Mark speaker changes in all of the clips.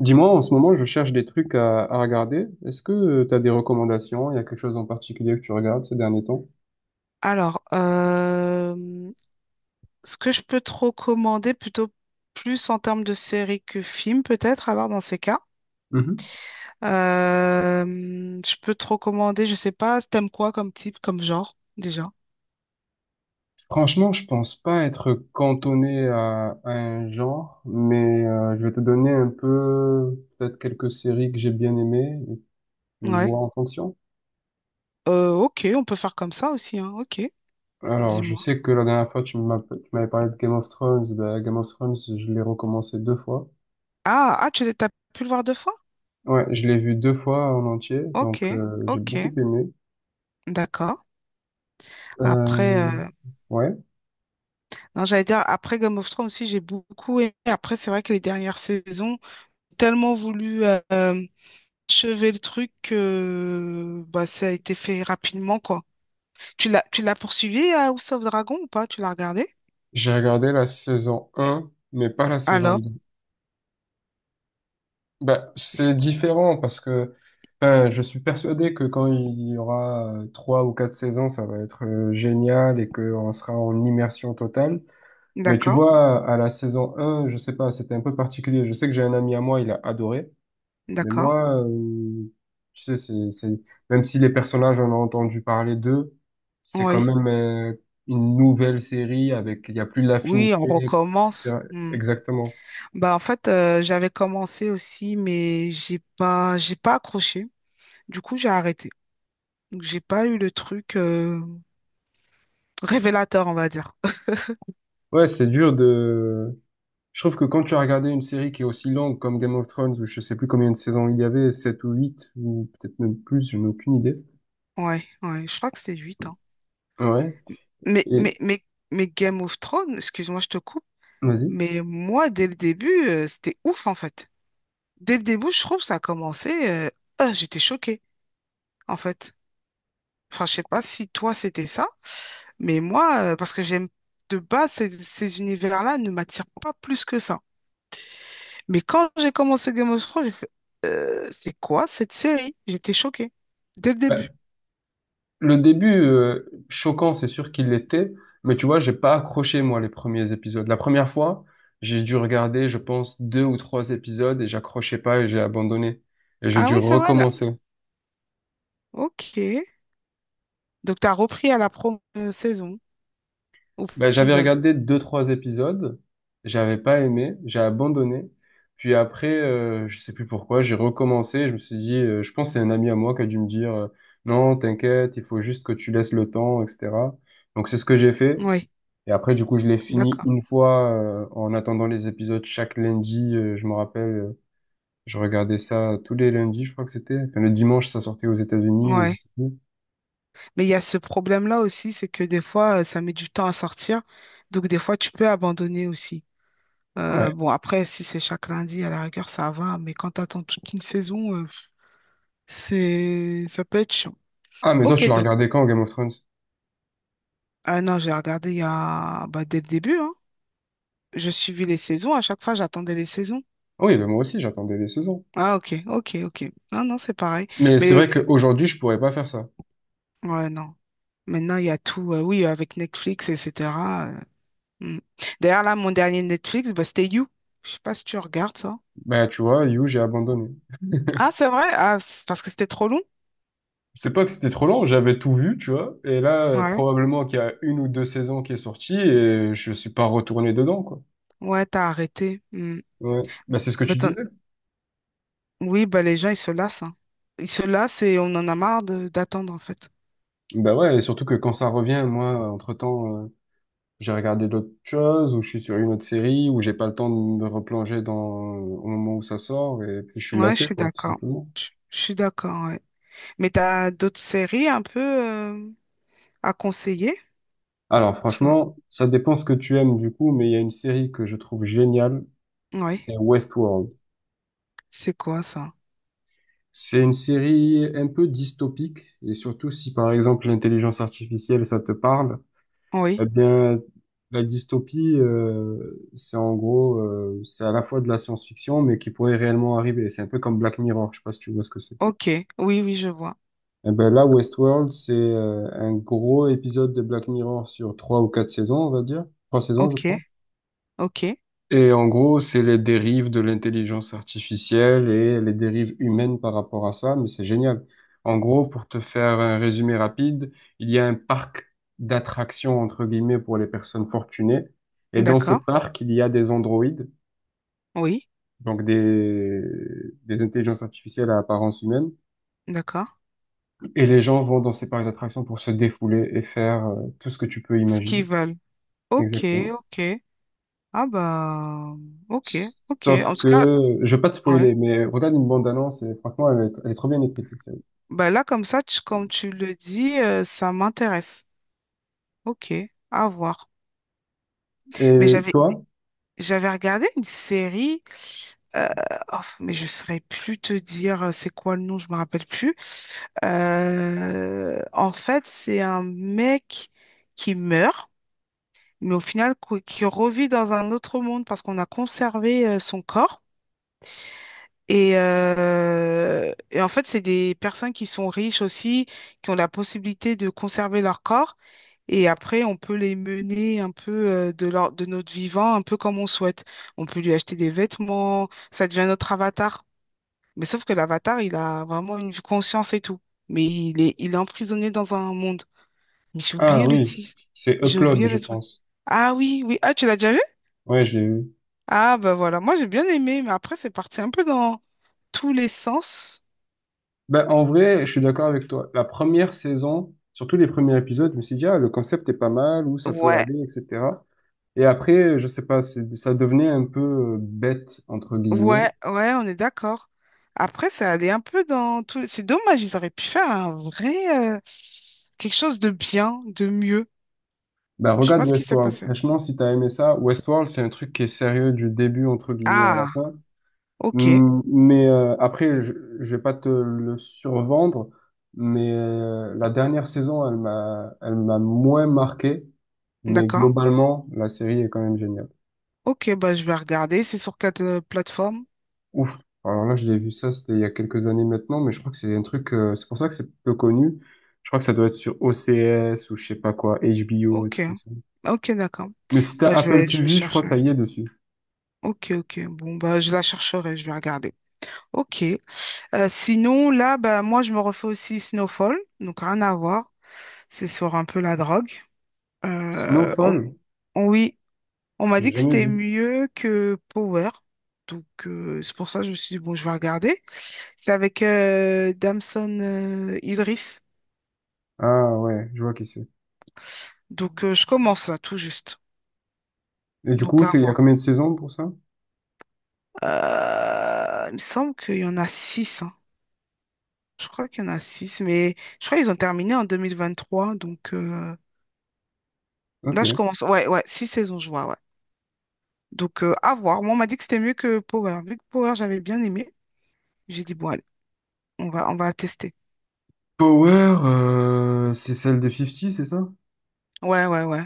Speaker 1: Dis-moi, en ce moment, je cherche des trucs à regarder. Est-ce que tu as des recommandations? Il y a quelque chose en particulier que tu regardes ces derniers temps?
Speaker 2: Alors, euh, ce que je peux te recommander, plutôt plus en termes de série que film, peut-être, alors dans ces cas,
Speaker 1: Mhm.
Speaker 2: euh, je peux te recommander, je sais pas, t'aimes quoi comme type, comme genre, déjà?
Speaker 1: Franchement, je pense pas être cantonné à un genre, mais je vais te donner un peu, peut-être quelques séries que j'ai bien aimées, et tu
Speaker 2: Ouais.
Speaker 1: vois en fonction.
Speaker 2: Ok, on peut faire comme ça aussi, hein. Ok,
Speaker 1: Alors, je
Speaker 2: dis-moi.
Speaker 1: sais que la dernière fois, tu m'avais parlé de Game of Thrones. Bah, Game of Thrones, je l'ai recommencé deux fois.
Speaker 2: T'as pu le voir deux fois?
Speaker 1: Ouais, je l'ai vu deux fois en entier,
Speaker 2: Ok,
Speaker 1: donc j'ai
Speaker 2: ok,
Speaker 1: beaucoup aimé.
Speaker 2: d'accord. Après,
Speaker 1: Euh, ouais,
Speaker 2: non, j'allais dire, après Game of Thrones aussi, j'ai beaucoup aimé. Après, c'est vrai que les dernières saisons, tellement voulu. euh, Achevé le truc, bah, ça a été fait rapidement, quoi. Tu l'as poursuivi à House of Dragon ou pas? Tu l'as regardé?
Speaker 1: j'ai regardé la saison un, mais pas la saison
Speaker 2: Alors,
Speaker 1: 2. Bah,
Speaker 2: est-ce-
Speaker 1: c'est différent parce que enfin, je suis persuadé que quand il y aura trois ou quatre saisons, ça va être génial et qu'on sera en immersion totale. Mais tu
Speaker 2: d'accord,
Speaker 1: vois, à la saison un, je sais pas, c'était un peu particulier. Je sais que j'ai un ami à moi, il a adoré. Mais
Speaker 2: d'accord,
Speaker 1: moi, tu sais, même si les personnages, on a entendu parler d'eux, c'est quand
Speaker 2: oui.
Speaker 1: même une nouvelle série avec, il y a plus
Speaker 2: Oui,
Speaker 1: l'affinité,
Speaker 2: on recommence.
Speaker 1: etc.
Speaker 2: Hmm.
Speaker 1: Exactement.
Speaker 2: Bah, en fait, j'avais commencé aussi, mais j'ai pas accroché. Du coup, j'ai arrêté. Donc, j'ai pas eu le truc révélateur, on va dire.
Speaker 1: Ouais, c'est dur de... Je trouve que quand tu as regardé une série qui est aussi longue comme Game of Thrones, où je sais plus combien de saisons il y avait, 7 ou 8 ou peut-être même plus, je n'ai aucune idée.
Speaker 2: Ouais, ouais, je crois que c'est 8 hein.
Speaker 1: Ouais.
Speaker 2: Mais,
Speaker 1: Et
Speaker 2: mais, mais, mais Game of Thrones, excuse-moi, je te coupe.
Speaker 1: vas-y.
Speaker 2: Mais moi, dès le début, c'était ouf en fait. Dès le début, je trouve ça a commencé. Ah, j'étais choquée en fait. Enfin, je sais pas si toi c'était ça, mais moi, parce que j'aime de base ces univers-là ne m'attirent pas plus que ça. Mais quand j'ai commencé Game of Thrones, j'ai fait c'est quoi cette série? J'étais choquée dès le
Speaker 1: Ouais.
Speaker 2: début.
Speaker 1: Le début, choquant, c'est sûr qu'il l'était, mais tu vois, j'ai pas accroché, moi, les premiers épisodes. La première fois, j'ai dû regarder, je pense, deux ou trois épisodes et j'accrochais pas et j'ai abandonné. Et j'ai
Speaker 2: Ah
Speaker 1: dû
Speaker 2: oui, c'est vrai là.
Speaker 1: recommencer.
Speaker 2: Ok. Donc t'as repris à la promo saison ou
Speaker 1: Ben, j'avais
Speaker 2: épisode.
Speaker 1: regardé deux, trois épisodes, j'avais pas aimé, j'ai abandonné. Puis après, je sais plus pourquoi, j'ai recommencé. Je me suis dit, je pense que c'est un ami à moi qui a dû me dire, non, t'inquiète, il faut juste que tu laisses le temps, etc. Donc c'est ce que j'ai fait.
Speaker 2: Oui,
Speaker 1: Et après, du coup, je l'ai fini
Speaker 2: d'accord.
Speaker 1: une fois en attendant les épisodes chaque lundi. Je me rappelle, je regardais ça tous les lundis, je crois que c'était. Enfin, le dimanche, ça sortait aux États-Unis ou je
Speaker 2: Ouais.
Speaker 1: sais plus.
Speaker 2: Mais il y a ce problème-là aussi, c'est que des fois, ça met du temps à sortir. Donc, des fois, tu peux abandonner aussi.
Speaker 1: Ouais.
Speaker 2: Bon, après, si c'est chaque lundi, à la rigueur, ça va. Mais quand tu attends toute une saison, c'est ça peut être chiant.
Speaker 1: Ah, mais toi, tu
Speaker 2: Ok,
Speaker 1: l'as
Speaker 2: donc,
Speaker 1: regardé quand, Game of Thrones?
Speaker 2: ah non, j'ai regardé il y a bah, dès le début. Hein. Je suivais les saisons. À chaque fois, j'attendais les saisons.
Speaker 1: Ah oui, ben moi aussi, j'attendais les saisons.
Speaker 2: Ah, ok, ok, ok. Non, non, c'est pareil.
Speaker 1: Mais c'est
Speaker 2: Mais,
Speaker 1: vrai qu'aujourd'hui, je pourrais pas faire ça.
Speaker 2: ouais, non. Maintenant, il y a tout. Oui, avec Netflix, etc. euh, hmm. D'ailleurs, là, mon dernier Netflix, bah, c'était You. Je sais pas si tu regardes ça.
Speaker 1: Bah, tu vois, You, j'ai abandonné.
Speaker 2: Ah, c'est vrai? Ah, c'est parce que c'était trop long?
Speaker 1: C'est pas que c'était trop long, j'avais tout vu, tu vois. Et là,
Speaker 2: Ouais.
Speaker 1: probablement qu'il y a une ou deux saisons qui est sortie et je suis pas retourné dedans, quoi.
Speaker 2: Ouais, t'as arrêté. Hmm.
Speaker 1: Ouais. Bah, c'est ce que
Speaker 2: Bah,
Speaker 1: tu
Speaker 2: t'en-
Speaker 1: disais.
Speaker 2: oui, bah, les gens, ils se lassent. Hein. Ils se lassent et on en a marre d'attendre, en fait.
Speaker 1: Bah ouais, et surtout que quand ça revient, moi, entre-temps, j'ai regardé d'autres choses ou je suis sur une autre série ou j'ai pas le temps de me replonger dans, au moment où ça sort et puis je suis
Speaker 2: Ouais, je
Speaker 1: lassé,
Speaker 2: suis
Speaker 1: quoi, tout
Speaker 2: d'accord.
Speaker 1: simplement.
Speaker 2: Je suis d'accord, ouais. Mais t'as d'autres séries un peu à conseiller?
Speaker 1: Alors,
Speaker 2: Parce que
Speaker 1: franchement, ça dépend ce que tu aimes, du coup, mais il y a une série que je trouve géniale,
Speaker 2: Oui,
Speaker 1: c'est Westworld.
Speaker 2: c'est quoi ça?
Speaker 1: C'est une série un peu dystopique, et surtout si par exemple l'intelligence artificielle ça te parle, eh
Speaker 2: Oui,
Speaker 1: bien la dystopie, c'est en gros, c'est à la fois de la science-fiction, mais qui pourrait réellement arriver. C'est un peu comme Black Mirror, je sais pas si tu vois ce que c'est.
Speaker 2: ok. Oui, oui, je vois.
Speaker 1: Eh ben là, Westworld, c'est un gros épisode de Black Mirror sur trois ou quatre saisons, on va dire. Trois saisons, je
Speaker 2: Ok,
Speaker 1: crois.
Speaker 2: ok.
Speaker 1: Et en gros, c'est les dérives de l'intelligence artificielle et les dérives humaines par rapport à ça, mais c'est génial. En gros, pour te faire un résumé rapide, il y a un parc d'attractions, entre guillemets, pour les personnes fortunées. Et dans ce
Speaker 2: D'accord.
Speaker 1: parc, il y a des androïdes,
Speaker 2: Oui,
Speaker 1: donc des intelligences artificielles à apparence humaine.
Speaker 2: d'accord.
Speaker 1: Et les gens vont dans ces parcs d'attractions pour se défouler et faire tout ce que tu peux
Speaker 2: Ce qu'ils
Speaker 1: imaginer.
Speaker 2: veulent. Ok,
Speaker 1: Exactement.
Speaker 2: ok. Ah bah, ok, ok.
Speaker 1: Sauf
Speaker 2: En tout cas,
Speaker 1: que, je vais pas te
Speaker 2: ouais.
Speaker 1: spoiler, mais regarde une bande-annonce et franchement, elle est trop bien écrite, cette série.
Speaker 2: Bah là, comme ça, comme tu le dis, ça m'intéresse. Ok, à voir. Mais
Speaker 1: Et
Speaker 2: j'avais
Speaker 1: toi?
Speaker 2: j'avais regardé une série, euh, oh, mais je ne saurais plus te dire c'est quoi le nom, je me rappelle plus. En fait, c'est un mec qui meurt, mais au final qui revit dans un autre monde parce qu'on a conservé son corps. Et en fait, c'est des personnes qui sont riches aussi, qui ont la possibilité de conserver leur corps. Et après, on peut les mener un peu de notre vivant, un peu comme on souhaite. On peut lui acheter des vêtements, ça devient notre avatar. Mais sauf que l'avatar, il a vraiment une conscience et tout. Mais il est emprisonné dans un monde. Mais j'ai
Speaker 1: Ah
Speaker 2: oublié le
Speaker 1: oui,
Speaker 2: titre.
Speaker 1: c'est
Speaker 2: J'ai
Speaker 1: Upload,
Speaker 2: oublié
Speaker 1: je
Speaker 2: le truc.
Speaker 1: pense.
Speaker 2: Ah oui, oui. Ah, tu l'as déjà vu?
Speaker 1: Ouais, je l'ai vu.
Speaker 2: Ah, bah voilà. Moi, j'ai bien aimé, mais après, c'est parti un peu dans tous les sens.
Speaker 1: Ben, en vrai, je suis d'accord avec toi. La première saison, surtout les premiers épisodes, je me suis dit, ah, le concept est pas mal, où ça peut
Speaker 2: Ouais.
Speaker 1: aller, etc. Et après, je sais pas, ça devenait un peu bête, entre guillemets.
Speaker 2: Ouais, ouais, on est d'accord. Après, ça allait un peu dans tout. C'est dommage, ils auraient pu faire un vrai quelque chose de bien, de mieux.
Speaker 1: Ben,
Speaker 2: Je sais
Speaker 1: regarde
Speaker 2: pas ce qui s'est
Speaker 1: Westworld.
Speaker 2: passé.
Speaker 1: Franchement, si t'as aimé ça, Westworld, c'est un truc qui est sérieux du début, entre guillemets, à la
Speaker 2: Ah,
Speaker 1: fin.
Speaker 2: ok,
Speaker 1: Mais après, je vais pas te le survendre, mais la dernière saison, elle m'a moins marqué, mais
Speaker 2: d'accord.
Speaker 1: globalement, la série est quand même géniale.
Speaker 2: Ok, bah je vais regarder. C'est sur quelle plateforme?
Speaker 1: Ouf. Alors là, je l'ai vu ça, c'était il y a quelques années maintenant, mais je crois que c'est un truc, c'est pour ça que c'est peu connu. Je crois que ça doit être sur OCS ou je sais pas quoi, HBO, un
Speaker 2: Ok,
Speaker 1: truc comme ça.
Speaker 2: ok, d'accord.
Speaker 1: Mais si t'as
Speaker 2: Bah je
Speaker 1: Apple
Speaker 2: vais, je vais
Speaker 1: TV, je crois
Speaker 2: chercher.
Speaker 1: que ça y est dessus.
Speaker 2: Ok, ok. Bon, bah je la chercherai, je vais regarder. Ok. Sinon, là, bah moi je me refais aussi Snowfall, donc rien à voir. C'est sur un peu la drogue. Euh, on-
Speaker 1: Snowfall,
Speaker 2: oui, on m'a
Speaker 1: j'ai
Speaker 2: dit que
Speaker 1: jamais
Speaker 2: c'était
Speaker 1: vu.
Speaker 2: mieux que Power. Donc, c'est pour ça que je me suis dit, bon, je vais regarder. C'est avec Damson Idris.
Speaker 1: Ah ouais, je vois qui c'est.
Speaker 2: Donc, je commence là, tout juste.
Speaker 1: Et du
Speaker 2: Donc,
Speaker 1: coup,
Speaker 2: à
Speaker 1: c'est il y a
Speaker 2: voir.
Speaker 1: combien de saisons pour ça?
Speaker 2: Il me semble qu'il y en a six. Hein. Je crois qu'il y en a six, mais je crois qu'ils ont terminé en 2023. Donc,
Speaker 1: Ok.
Speaker 2: là, je commence. Ouais, ouais, six saisons, je vois, ouais. Donc, à voir. Moi, on m'a dit que c'était mieux que Power. Vu que Power, j'avais bien aimé, j'ai dit, bon, allez, on va tester.
Speaker 1: Power, c'est celle de 50, c'est ça?
Speaker 2: Ouais, ouais, ouais.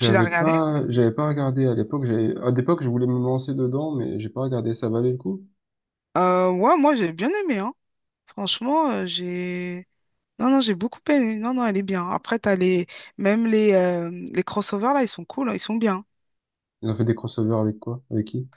Speaker 2: Tu l'as regardé?
Speaker 1: pas, j'avais pas regardé à l'époque. J'avais, à l'époque, je voulais me lancer dedans, mais j'ai pas regardé. Ça valait le coup?
Speaker 2: Ouais, moi j'ai bien aimé, hein. Franchement, j'ai. Non, non, j'ai beaucoup aimé. Non, non, elle est bien. Après, t'as les. Même les crossovers, là, ils sont cool, hein, ils sont bien.
Speaker 1: Ils ont fait des crossovers avec quoi? Avec qui?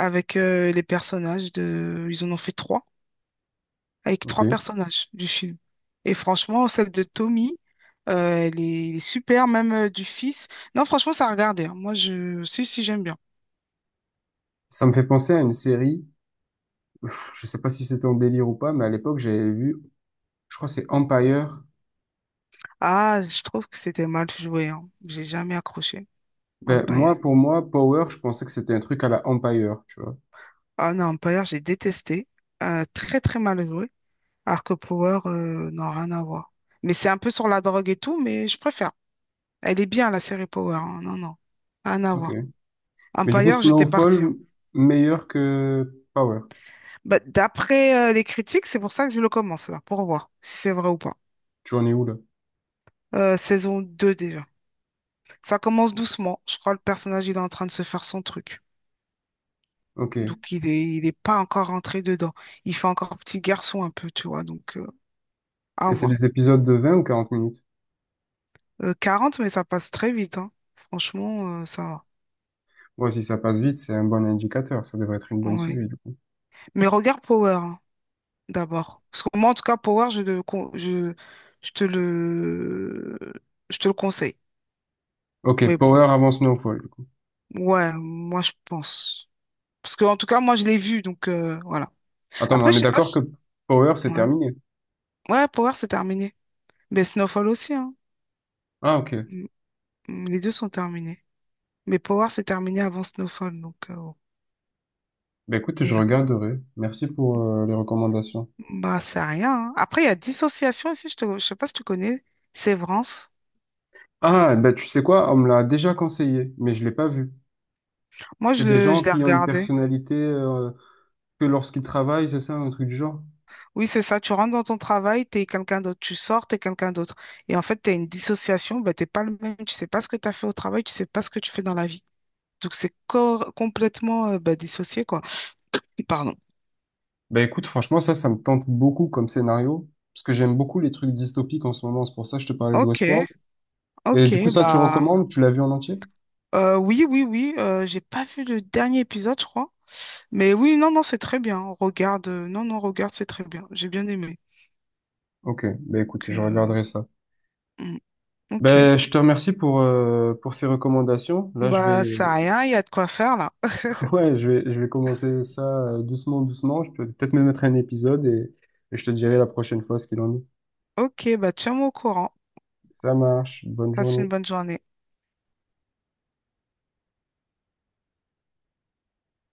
Speaker 2: Avec les personnages de. Ils en ont fait trois. Avec
Speaker 1: Ok.
Speaker 2: trois personnages du film. Et franchement, celle de Tommy, elle est super, même du fils. Non, franchement, ça a regardé hein. Moi, je. Si, si, j'aime bien.
Speaker 1: Ça me fait penser à une série. Je sais pas si c'était en délire ou pas, mais à l'époque, j'avais vu. Je crois que c'est Empire.
Speaker 2: Ah, je trouve que c'était mal joué, hein. J'ai jamais accroché
Speaker 1: Ben,
Speaker 2: Empire.
Speaker 1: moi, pour moi, Power, je pensais que c'était un truc à la Empire, tu vois.
Speaker 2: Ah non, Empire, j'ai détesté. Très, très mal joué. Alors que Power, non, rien à voir. Mais c'est un peu sur la drogue et tout, mais je préfère. Elle est bien, la série Power. Hein. Non, non, rien à
Speaker 1: Ok.
Speaker 2: voir.
Speaker 1: Mais du coup,
Speaker 2: Empire, j'étais
Speaker 1: Snowfall,
Speaker 2: partie. Hein.
Speaker 1: meilleur que Power.
Speaker 2: Bah, d'après les critiques, c'est pour ça que je le commence, là, pour voir si c'est vrai ou pas.
Speaker 1: Tu en es où là?
Speaker 2: Saison 2 déjà. Ça commence doucement. Je crois que le personnage, il est en train de se faire son truc.
Speaker 1: Ok. Et
Speaker 2: Donc, il est pas encore rentré dedans. Il fait encore petit garçon un peu, tu vois. Donc, à
Speaker 1: c'est
Speaker 2: voir.
Speaker 1: des épisodes de 20 ou 40 minutes?
Speaker 2: 40, mais ça passe très vite. Hein. Franchement, ça
Speaker 1: Ouais, si ça passe vite, c'est un bon indicateur. Ça devrait être une
Speaker 2: va.
Speaker 1: bonne
Speaker 2: Ouais.
Speaker 1: série, du coup.
Speaker 2: Mais regarde Power. Hein. d'abord. Parce que moi, en tout cas, Power, je, je te le, je te le conseille.
Speaker 1: Ok,
Speaker 2: Mais bon,
Speaker 1: Power avant Snowfall, du coup.
Speaker 2: ouais, moi, je pense. Parce que, en tout cas, moi, je l'ai vu, donc voilà.
Speaker 1: Attends, mais
Speaker 2: Après,
Speaker 1: on
Speaker 2: je
Speaker 1: est
Speaker 2: sais pas
Speaker 1: d'accord que
Speaker 2: si
Speaker 1: Power, c'est
Speaker 2: Ouais,
Speaker 1: terminé.
Speaker 2: ouais, Power, c'est terminé. Mais Snowfall aussi, hein.
Speaker 1: Ah, ok.
Speaker 2: Mm, mm, les deux sont terminés. Mais Power, c'est terminé avant Snowfall, donc bon.
Speaker 1: Ben écoute,
Speaker 2: Et,
Speaker 1: je regarderai. Merci pour les recommandations.
Speaker 2: bah, c'est rien. Hein. Après, il y a Dissociation aussi, je te je sais pas si tu connais. Sévrance.
Speaker 1: Ah, ben tu sais quoi? On me l'a déjà conseillé, mais je l'ai pas vu.
Speaker 2: Moi, je,
Speaker 1: C'est des gens
Speaker 2: je l'ai
Speaker 1: qui ont une
Speaker 2: regardé.
Speaker 1: personnalité que lorsqu'ils travaillent, c'est ça, un truc du genre?
Speaker 2: Oui, c'est ça. Tu rentres dans ton travail, t'es quelqu'un d'autre. Tu sors, t'es quelqu'un d'autre. Et en fait, t'as une dissociation, ben, t'es pas le même. Tu sais pas ce que t'as fait au travail, tu sais pas ce que tu fais dans la vie. Donc, c'est complètement ben, dissocié, quoi. Pardon.
Speaker 1: Bah écoute, franchement, ça me tente beaucoup comme scénario, parce que j'aime beaucoup les trucs dystopiques en ce moment, c'est pour ça que je te parlais de
Speaker 2: Ok,
Speaker 1: Westworld. Et du coup,
Speaker 2: ok,
Speaker 1: ça, tu
Speaker 2: bah
Speaker 1: recommandes? Tu l'as vu en entier?
Speaker 2: oui, oui, oui, j'ai pas vu le dernier épisode, je crois. Mais oui, non, non, c'est très bien. Regarde, non, non, regarde, c'est très bien. J'ai bien aimé.
Speaker 1: Ok, bah écoute,
Speaker 2: Donc,
Speaker 1: je regarderai ça.
Speaker 2: hmm, ok,
Speaker 1: Ben, je te remercie pour ces recommandations. Là, je vais,
Speaker 2: bah ça a rien, il y a de quoi faire là.
Speaker 1: ouais, je vais commencer ça doucement, doucement. Je peux peut-être me mettre un épisode et je te dirai la prochaine fois ce qu'il en est.
Speaker 2: Ok, bah tiens-moi au courant.
Speaker 1: Ça marche, bonne
Speaker 2: Passe
Speaker 1: journée.
Speaker 2: une bonne journée.